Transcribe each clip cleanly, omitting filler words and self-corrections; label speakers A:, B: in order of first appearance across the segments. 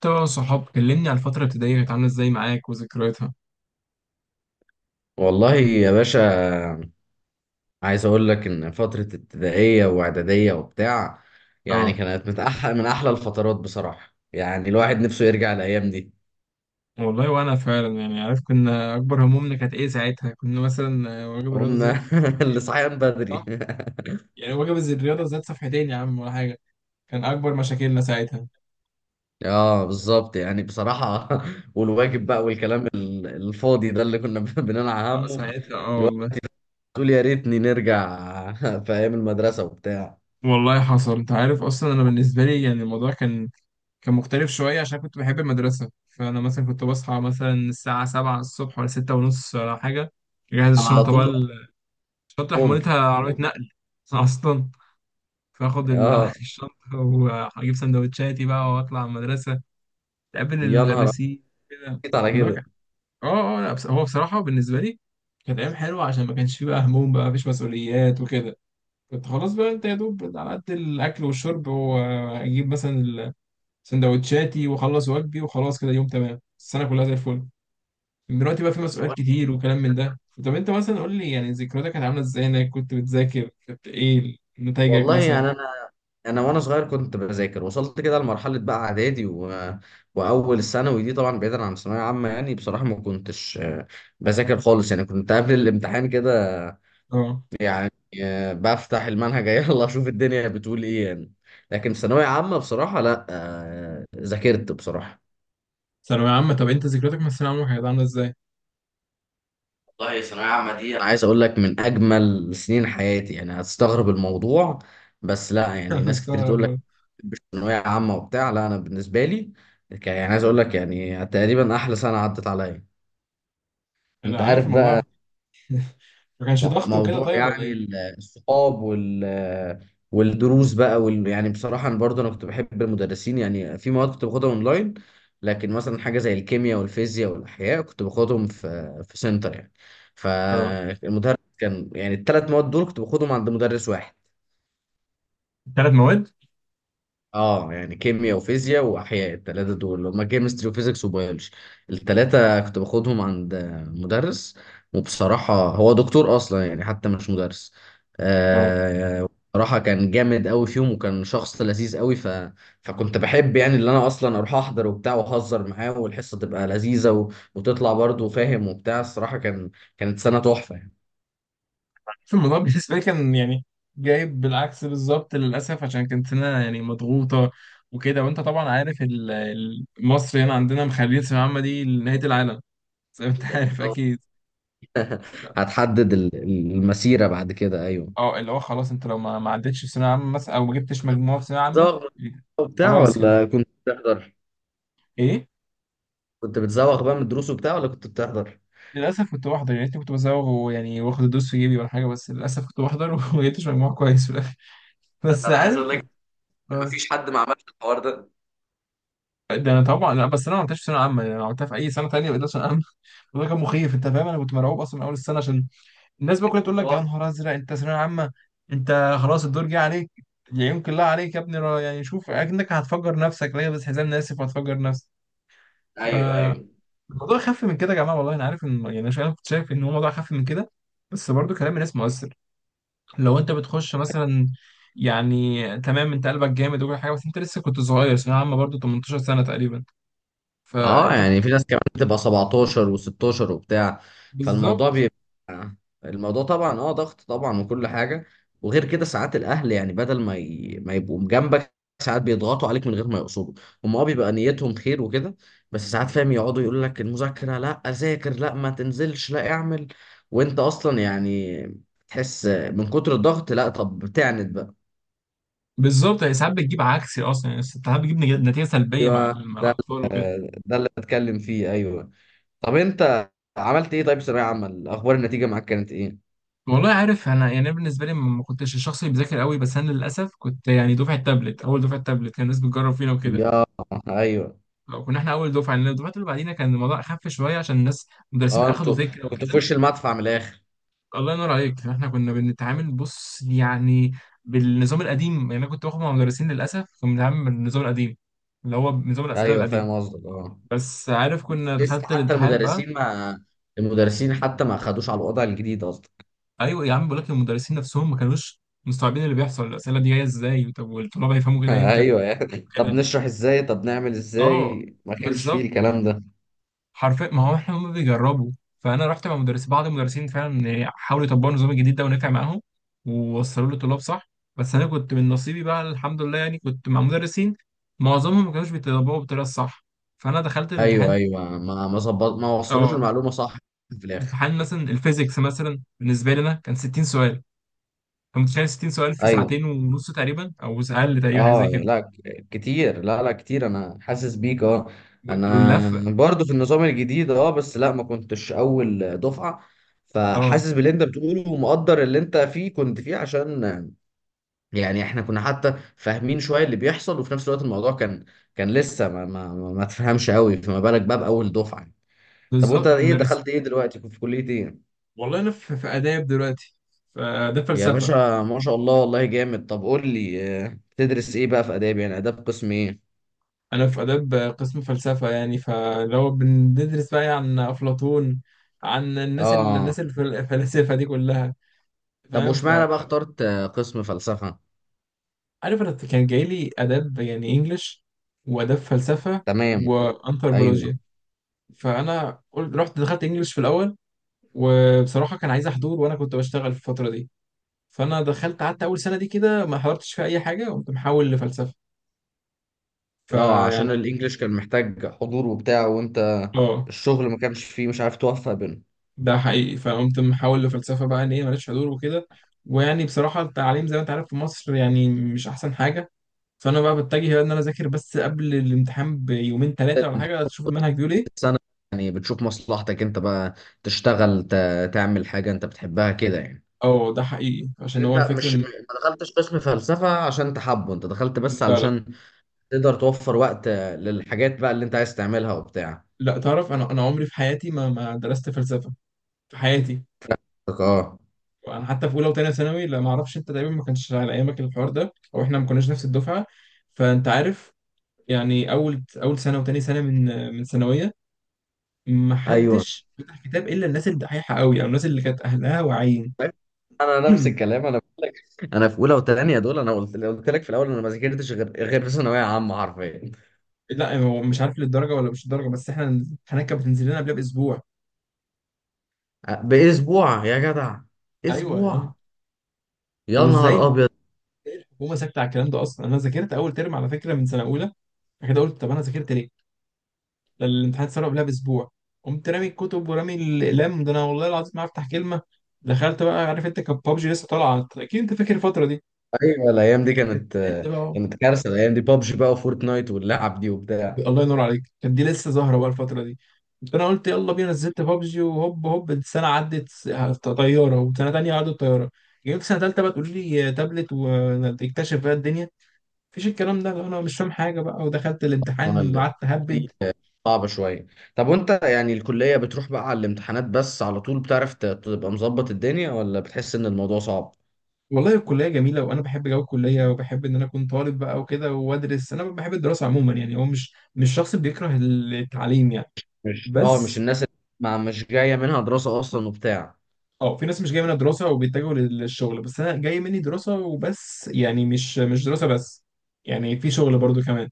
A: طبعا، صحاب كلمني على الفترة الابتدائية، كانت عاملة ازاي معاك وذكرياتها؟
B: والله يا باشا. عايز اقول لك ان فترة ابتدائية واعدادية وبتاع
A: اه
B: كانت من احلى، من احلى الفترات بصراحة. يعني الواحد نفسه يرجع الايام دي.
A: والله، وانا فعلا عارف كنا اكبر همومنا كانت ايه ساعتها. كنا مثلا واجب الرياضة زاد
B: قمنا
A: صفحتين.
B: لصحيان بدري
A: صح. يعني واجب الرياضة زاد صفحتين يا عم، ولا حاجة. كان اكبر مشاكلنا ساعتها.
B: اه بالظبط، يعني بصراحة والواجب بقى والكلام الفاضي ده اللي كنا بننعى
A: اه
B: همه.
A: ساعتها،
B: الواحد
A: والله.
B: تقول يا ريتني نرجع في ايام المدرسة وبتاع.
A: والله حصل. انت عارف اصلا انا بالنسبة لي يعني الموضوع كان مختلف شوية عشان كنت بحب المدرسة. فانا مثلا كنت بصحى مثلا الساعة 7 الصبح، ولا 6 ونص، ولا حاجة. اجهز
B: على
A: الشنطة بقى.
B: طول
A: شنطة
B: ممكن.
A: حمولتها عربية نقل أصلا. فاخد
B: اه
A: الشنطة، وأجيب سندوتشاتي بقى، وأطلع المدرسة. أقابل
B: يا نهار
A: المدرسين كده.
B: أبيض على
A: الموضوع
B: كده.
A: كان لا، بس هو بصراحة بالنسبة لي كانت أيام حلوة عشان ما كانش فيه بقى هموم، بقى مفيش مسؤوليات وكده. كنت خلاص بقى، أنت يا دوب على قد الأكل والشرب، وأجيب مثلا سندوتشاتي، وأخلص واجبي، وخلاص كده يوم تمام السنة كلها زي الفل. دلوقتي بقى في
B: بس
A: مسؤوليات
B: بقول لك،
A: كتير وكلام من ده. طب انت مثلا قول لي، يعني ذكرياتك كانت عامله ازاي؟ انك كنت بتذاكر، كنت ايه نتائجك
B: والله
A: مثلا؟
B: يعني انا وانا صغير كنت بذاكر. وصلت كده لمرحله بقى اعدادي و... واول الثانوي دي، طبعا بعيدا عن الثانويه عامه، يعني بصراحه ما كنتش بذاكر خالص. يعني كنت قبل الامتحان كده
A: اه.
B: يعني بفتح المنهج يلا اشوف الدنيا بتقول ايه يعني. لكن في ثانويه عامه بصراحه لا، ذاكرت بصراحه.
A: ثانوية عامة. طب انت ذكرياتك من الثانوية العامة كانت عاملة ازاي؟
B: والله ثانويه عامه دي انا عايز اقول لك من اجمل سنين حياتي. يعني هتستغرب الموضوع، بس لا،
A: انا
B: يعني ناس كتير
A: مستغرب
B: تقول لك
A: برضه.
B: ثانوية عامة وبتاع. لا أنا بالنسبة لي يعني عايز أقول لك يعني تقريبا أحلى سنة عدت عليا. أنت
A: انا عارف
B: عارف
A: الموضوع.
B: بقى.
A: ما كانش ضغط وكده،
B: موضوع
A: طيب، ولا
B: يعني
A: ايه؟
B: الصحاب وال والدروس بقى وال... يعني بصراحة أنا برضه أنا كنت بحب المدرسين. يعني في مواد كنت باخدها أونلاين، لكن مثلا حاجة زي الكيمياء والفيزياء والأحياء كنت باخدهم في في سنتر يعني.
A: اه.
B: فالمدرس كان يعني الثلاث مواد دول كنت باخدهم عند مدرس واحد.
A: 3 مواد.
B: اه يعني كيمياء وفيزياء واحياء، الثلاثه دول اللي هم كيمستري وفيزيكس وبيولوجي، الثلاثه كنت باخدهم عند مدرس. وبصراحه هو دكتور اصلا، يعني حتى مش مدرس.
A: اه.
B: آه بصراحه كان جامد قوي فيهم، وكان شخص لذيذ قوي ف... فكنت بحب يعني اللي انا اصلا اروح احضر وبتاع واهزر معاه، والحصه تبقى لذيذه و... وتطلع برضه فاهم وبتاع. الصراحه كان كانت سنه تحفه يعني.
A: في الموضوع بالنسبة لي كان جايب بالعكس بالظبط للأسف، عشان كانت هنا يعني مضغوطة وكده. وانت طبعا عارف مصر هنا عندنا مخليه الثانوية العامة دي نهاية العالم، زي ما انت عارف
B: لو
A: اكيد.
B: هتحدد المسيره بعد كده ايوه.
A: اه، اللي هو خلاص، انت لو ما عدتش في ثانويه عامه مثلا، او ما جبتش مجموعه في ثانويه عامه،
B: بتزوغ من الدروس وبتاع
A: خلاص كده.
B: ولا كنت بتحضر؟
A: ايه.
B: كنت بتزوغ بقى من الدروس وبتاع ولا كنت بتحضر؟
A: للاسف كنت بحضر، يعني كنت بزوغ، ويعني واخد الدوس في جيبي ولا حاجه، بس للاسف كنت بحضر وما جبتش مجموع كويس في الاخر.
B: انا
A: بس
B: أنا عايز اقول
A: عارف؟
B: لك
A: اه.
B: مفيش حد ما عملش الحوار ده.
A: ده انا طبعا لا، بس انا ما عملتهاش في ثانويه عامه، يعني انا عملتها في اي سنه ثانيه بقيت ثانويه عامه وده كان مخيف، انت فاهم؟ انا كنت مرعوب اصلا من اول السنه عشان الناس بقى كلها تقول لك يا نهار ازرق، انت ثانويه عامه، انت خلاص الدور جه عليك، يعينك الله عليك يا ابني، يعني شوف اكنك هتفجر نفسك. لا، بس حزام ناسف وهتفجر نفسك. ف
B: ايوه ايوه.
A: الموضوع خف من كده يا جماعه والله. انا عارف ان يعني انا كنت شايف ان هو موضوع خف من كده، بس برضو كلام الناس مؤثر. لو انت بتخش مثلا، يعني تمام، انت قلبك جامد وكل حاجه، بس انت لسه كنت صغير، ثانويه عامه برضو 18 سنه تقريبا.
B: اه
A: فانت بت...
B: يعني في ناس كمان بتبقى 17 و16 وبتاع. فالموضوع
A: بالظبط.
B: بيبقى الموضوع طبعا اه ضغط طبعا وكل حاجه. وغير كده ساعات الاهل يعني بدل ما ي... ما يبقوا جنبك، ساعات بيضغطوا عليك من غير ما يقصدوا. هم اه بيبقى نيتهم خير وكده، بس ساعات فاهم يقعدوا يقول لك المذاكره لا، ذاكر لا، ما تنزلش لا، اعمل. وانت اصلا يعني تحس من كتر الضغط، لا طب بتعند بقى.
A: بالظبط، يعني ساعات بتجيب عكسي اصلا، يعني ساعات بتجيب نتيجه سلبيه مع
B: ايوه
A: مع
B: ده،
A: الاطفال وكده.
B: ده اللي بتكلم فيه، ايوه. طب انت عملت ايه طيب في ثانوية عامة؟ اخبار النتيجة معاك كانت ايه؟
A: والله عارف، انا يعني أنا بالنسبه لي ما كنتش الشخص اللي بيذاكر قوي، بس انا للاسف كنت يعني دفعه تابلت، اول دفعه تابلت كان الناس بتجرب فينا وكده.
B: يا ايوه.
A: كنا احنا اول دفعه لان الدفعات اللي بعدينا كان الموضوع اخف شويه، عشان الناس المدرسين
B: اه
A: اخدوا
B: انتوا
A: فكره
B: كنتوا في
A: وكده.
B: وش المدفع من الاخر.
A: الله ينور عليك. فاحنا كنا بنتعامل بص يعني بالنظام القديم. يعني انا كنت باخد مع مدرسين للاسف كنا بنتعامل بالنظام القديم، اللي هو نظام الاسئله
B: ايوه
A: القديم.
B: فاهم قصدك اه.
A: بس عارف
B: لسه
A: كنا
B: لسه،
A: دخلت
B: حتى
A: الامتحان بقى.
B: المدرسين ما، المدرسين حتى ما خدوش على الوضع الجديد قصدك.
A: ايوه يا عم، بقول لك المدرسين نفسهم ما كانوش مستوعبين اللي بيحصل. الاسئله دي جايه ازاي؟ طب والطلاب هيفهموا كده امتى؟
B: ايوه يعني طب
A: كده.
B: نشرح ازاي، طب نعمل
A: اه.
B: ازاي، ما كانش فيه
A: بالظبط.
B: الكلام ده.
A: حرفيا، ما هو احنا هم بيجربوا. فانا رحت مع مدرس. بعض المدرسين فعلا حاولوا يطبقوا النظام الجديد ده ونفع معاهم ووصلوا له طلاب صح، بس انا كنت من نصيبي بقى الحمد لله، يعني كنت مع مدرسين معظمهم ما كانوش بيطبقوا بالطريقه الصح. فانا دخلت
B: ايوه
A: الامتحان.
B: ايوه، ما ظبط، ما وصلوش
A: اه.
B: المعلومة صح في الاخر.
A: امتحان مثلا الفيزيكس مثلا بالنسبه لي انا كان 60 سؤال. انت متخيل 60 سؤال في
B: ايوه
A: ساعتين ونص تقريبا او اقل تقريبا، حاجه زي
B: اه
A: كده؟
B: لا، كتير، لا لا كتير، انا حاسس بيك اه. انا
A: واللفه.
B: برضو في النظام الجديد اه، بس لا ما كنتش اول دفعة.
A: اه
B: فحاسس باللي انت بتقوله، ومقدر اللي انت فيه كنت فيه. عشان يعني احنا كنا حتى فاهمين شوية اللي بيحصل، وفي نفس الوقت الموضوع كان كان لسه ما تفهمش قوي، فما بالك بقى باول دفعة. طب وانت
A: بالظبط
B: ايه دخلت
A: المدرسين.
B: ايه دلوقتي، كنت في كلية ايه؟
A: والله انا في اداب دلوقتي. فده
B: يا
A: فلسفه.
B: باشا ما شاء الله، والله جامد. طب قول لي تدرس ايه بقى في اداب؟ يعني اداب قسم ايه؟
A: انا في اداب قسم فلسفه. يعني فلو بندرس بقى يعني عن افلاطون، عن الناس الناس
B: اه.
A: الفلاسفه دي كلها.
B: طب
A: فاهم
B: واشمعنى بقى
A: فعارف.
B: اخترت قسم فلسفة؟
A: انا كان جاي لي اداب، يعني انجلش، واداب فلسفه،
B: تمام. ايوه.
A: وانثروبولوجيا. فانا قلت رحت دخلت انجلش في الاول، وبصراحه كان عايز احضور وانا كنت بشتغل في الفتره دي. فانا دخلت قعدت اول سنه دي كده ما حضرتش في اي حاجه، قمت محول لفلسفه.
B: اه
A: فيعني،
B: عشان الانجليش كان محتاج حضور وبتاع، وانت
A: اه
B: الشغل ما كانش فيه، مش عارف توفق بينه.
A: ده حقيقي، فقمت محول لفلسفة بقى، ان هي مالتش حضور وكده. ويعني بصراحة التعليم زي ما انت عارف في مصر يعني مش احسن حاجة. فانا بقى بتجه بقى ان انا اذاكر بس قبل الامتحان بيومين ثلاثة ولا حاجة، تشوف المنهج بيقول ايه.
B: السنة يعني بتشوف مصلحتك انت بقى. تشتغل تعمل حاجة انت بتحبها كده يعني.
A: اه ده حقيقي عشان
B: يعني
A: هو
B: انت
A: الفكرة
B: مش
A: ان،
B: ما دخلتش قسم فلسفة عشان انت حابه، انت دخلت بس
A: لا لا
B: علشان تقدر توفر وقت للحاجات بقى اللي انت عايز تعملها وبتاع.
A: لا، تعرف، انا عمري في حياتي ما درست فلسفة في حياتي.
B: اه
A: انا حتى في اولى وثانيه ثانوي لا ما اعرفش. انت تقريبا ما كانش على ايامك الحوار ده، او احنا ما كناش نفس الدفعة، فانت عارف. يعني اول سنة وتاني سنة من ثانوية،
B: ايوه،
A: محدش فتح كتاب الا الناس الدحيحه قوي او الناس اللي كانت اهلها واعيين.
B: انا نفس الكلام انا بقول لك. انا في اولى وثانيه دول انا قلت لك في الاول، انا ما ذاكرتش غير في ثانويه عامه حرفيا.
A: لا، هو مش عارف للدرجه، ولا مش للدرجه، بس احنا الامتحانات كانت بتنزل لنا قبلها باسبوع.
B: باسبوع يا جدع،
A: ايوه يا عم.
B: اسبوع. يا
A: طب
B: نهار
A: ازاي
B: ابيض.
A: الحكومه ساكته على الكلام ده؟ اصلا انا ذاكرت اول ترم على فكره من سنه اولى، بعد كده قلت طب انا ذاكرت ليه؟ ده الامتحان اتسرب قبلها باسبوع. قمت رامي الكتب ورامي الاقلام. ده انا والله العظيم ما هفتح كلمه. دخلت بقى. عارف انت كان بابجي لسه طالعه، اكيد انت فاكر الفتره دي،
B: ايوه الايام دي
A: كانت
B: كانت
A: ترند بقى.
B: كانت كارثه. الايام دي بابجي بقى وفورتنايت واللعب دي وبتاع.
A: الله ينور عليك، كانت دي لسه ظاهره بقى الفتره دي. فانا قلت يلا بينا، نزلت بابجي وهوب هوب السنه عدت طياره، وسنه تانية عدت طياره. جيت سنه تالتة بقى تقول لي تابلت، وتكتشف بقى الدنيا. مفيش الكلام ده. انا مش فاهم حاجه بقى، ودخلت
B: انا
A: الامتحان قعدت اهبد.
B: دي صعبه شويه. طب وانت يعني الكليه بتروح بقى على الامتحانات بس على طول، بتعرف تبقى مظبط الدنيا ولا بتحس ان الموضوع صعب؟
A: والله الكليه جميله وانا بحب جو الكليه، وبحب ان انا اكون طالب بقى وكده وادرس. انا بحب الدراسه عموما يعني، هو مش شخص بيكره التعليم يعني.
B: مش اه مش
A: بس
B: الناس اللي ما مش جايه منها دراسه اصلا وبتاع.
A: اه، في ناس مش جايه منها دراسه وبيتجهوا للشغل، بس انا جاي مني دراسه وبس، يعني مش دراسه بس، يعني في شغل برضو كمان.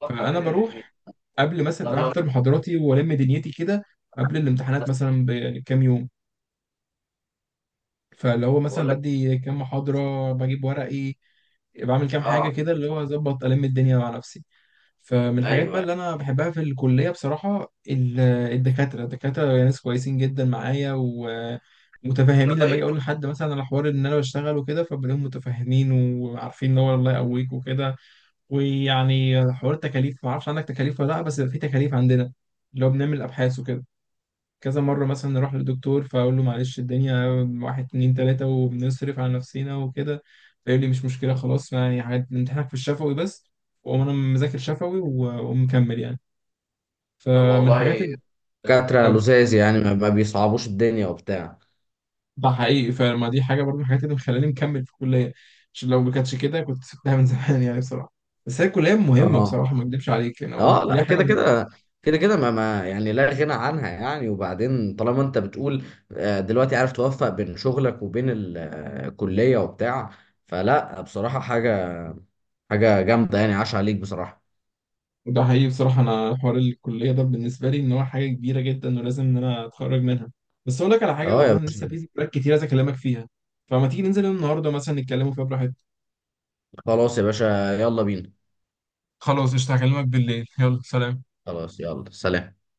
B: فاصلة
A: فانا
B: بين الاثنين.
A: بروح قبل مثلا
B: طب
A: أروح
B: لو،
A: احضر محاضراتي والم دنيتي كده، قبل الامتحانات
B: بس
A: مثلا بكام يوم، فاللي هو مثلا
B: بقول لك
A: بدي كام محاضره بجيب ورقي، بعمل كام حاجه
B: اه.
A: كده اللي هو اظبط الم الدنيا مع نفسي. فمن الحاجات بقى
B: ايوه.
A: اللي انا بحبها في الكليه بصراحه، الدكاتره. الدكاتره يعني ناس كويسين جدا معايا،
B: إحنا
A: ومتفاهمين، لما اجي
B: طيب.
A: اقول لحد مثلا على حوار ان انا بشتغل وكده، فبلاقيهم متفاهمين وعارفين ان هو الله يقويك وكده. ويعني حوار التكاليف، ما اعرفش عندك تكاليف ولا لا، بس في تكاليف عندنا اللي هو بنعمل ابحاث وكده. كذا مرة مثلا نروح للدكتور، فأقول له معلش الدنيا واحد اتنين تلاتة وبنصرف على نفسنا وكده، فيقول لي مش مشكلة خلاص يعني، حاجات امتحانك في الشفوي بس. وأقوم أنا مذاكر شفوي ومكمل يعني.
B: طب
A: فمن الحاجات
B: والله دكاترة
A: آه،
B: لزاز، يعني ما بيصعبوش الدنيا وبتاع.
A: ده حقيقي. فما دي حاجة برضه من الحاجات اللي مخلاني مكمل في الكلية، عشان لو ما كانتش كده كنت سبتها من زمان، يعني بصراحة. بس هي الكلية مهمة
B: اه
A: بصراحة، ما أكدبش عليك، يعني أو
B: اه
A: الكلية
B: لا،
A: حاجة
B: كده
A: مهمة.
B: كده كده ما يعني لا غنى عنها يعني. وبعدين طالما انت بتقول دلوقتي عارف توفق بين شغلك وبين الكلية وبتاع، فلا بصراحة، حاجة حاجة جامدة يعني، عاش عليك بصراحة.
A: ده حقيقي. بصراحة أنا حوار الكلية ده بالنسبة لي إن هو حاجة كبيرة جدا، ولازم إن أنا أتخرج منها. بس أقول لك على حاجة،
B: اه يا
A: والله أنا لسه
B: باشا.
A: في ذكريات كتير عايز أكلمك فيها، فما تيجي ننزل النهاردة مثلا نتكلموا فيها براحتنا.
B: خلاص يا باشا، يلا بينا.
A: خلاص قشطة، هكلمك بالليل، يلا سلام.
B: خلاص يلا سلام.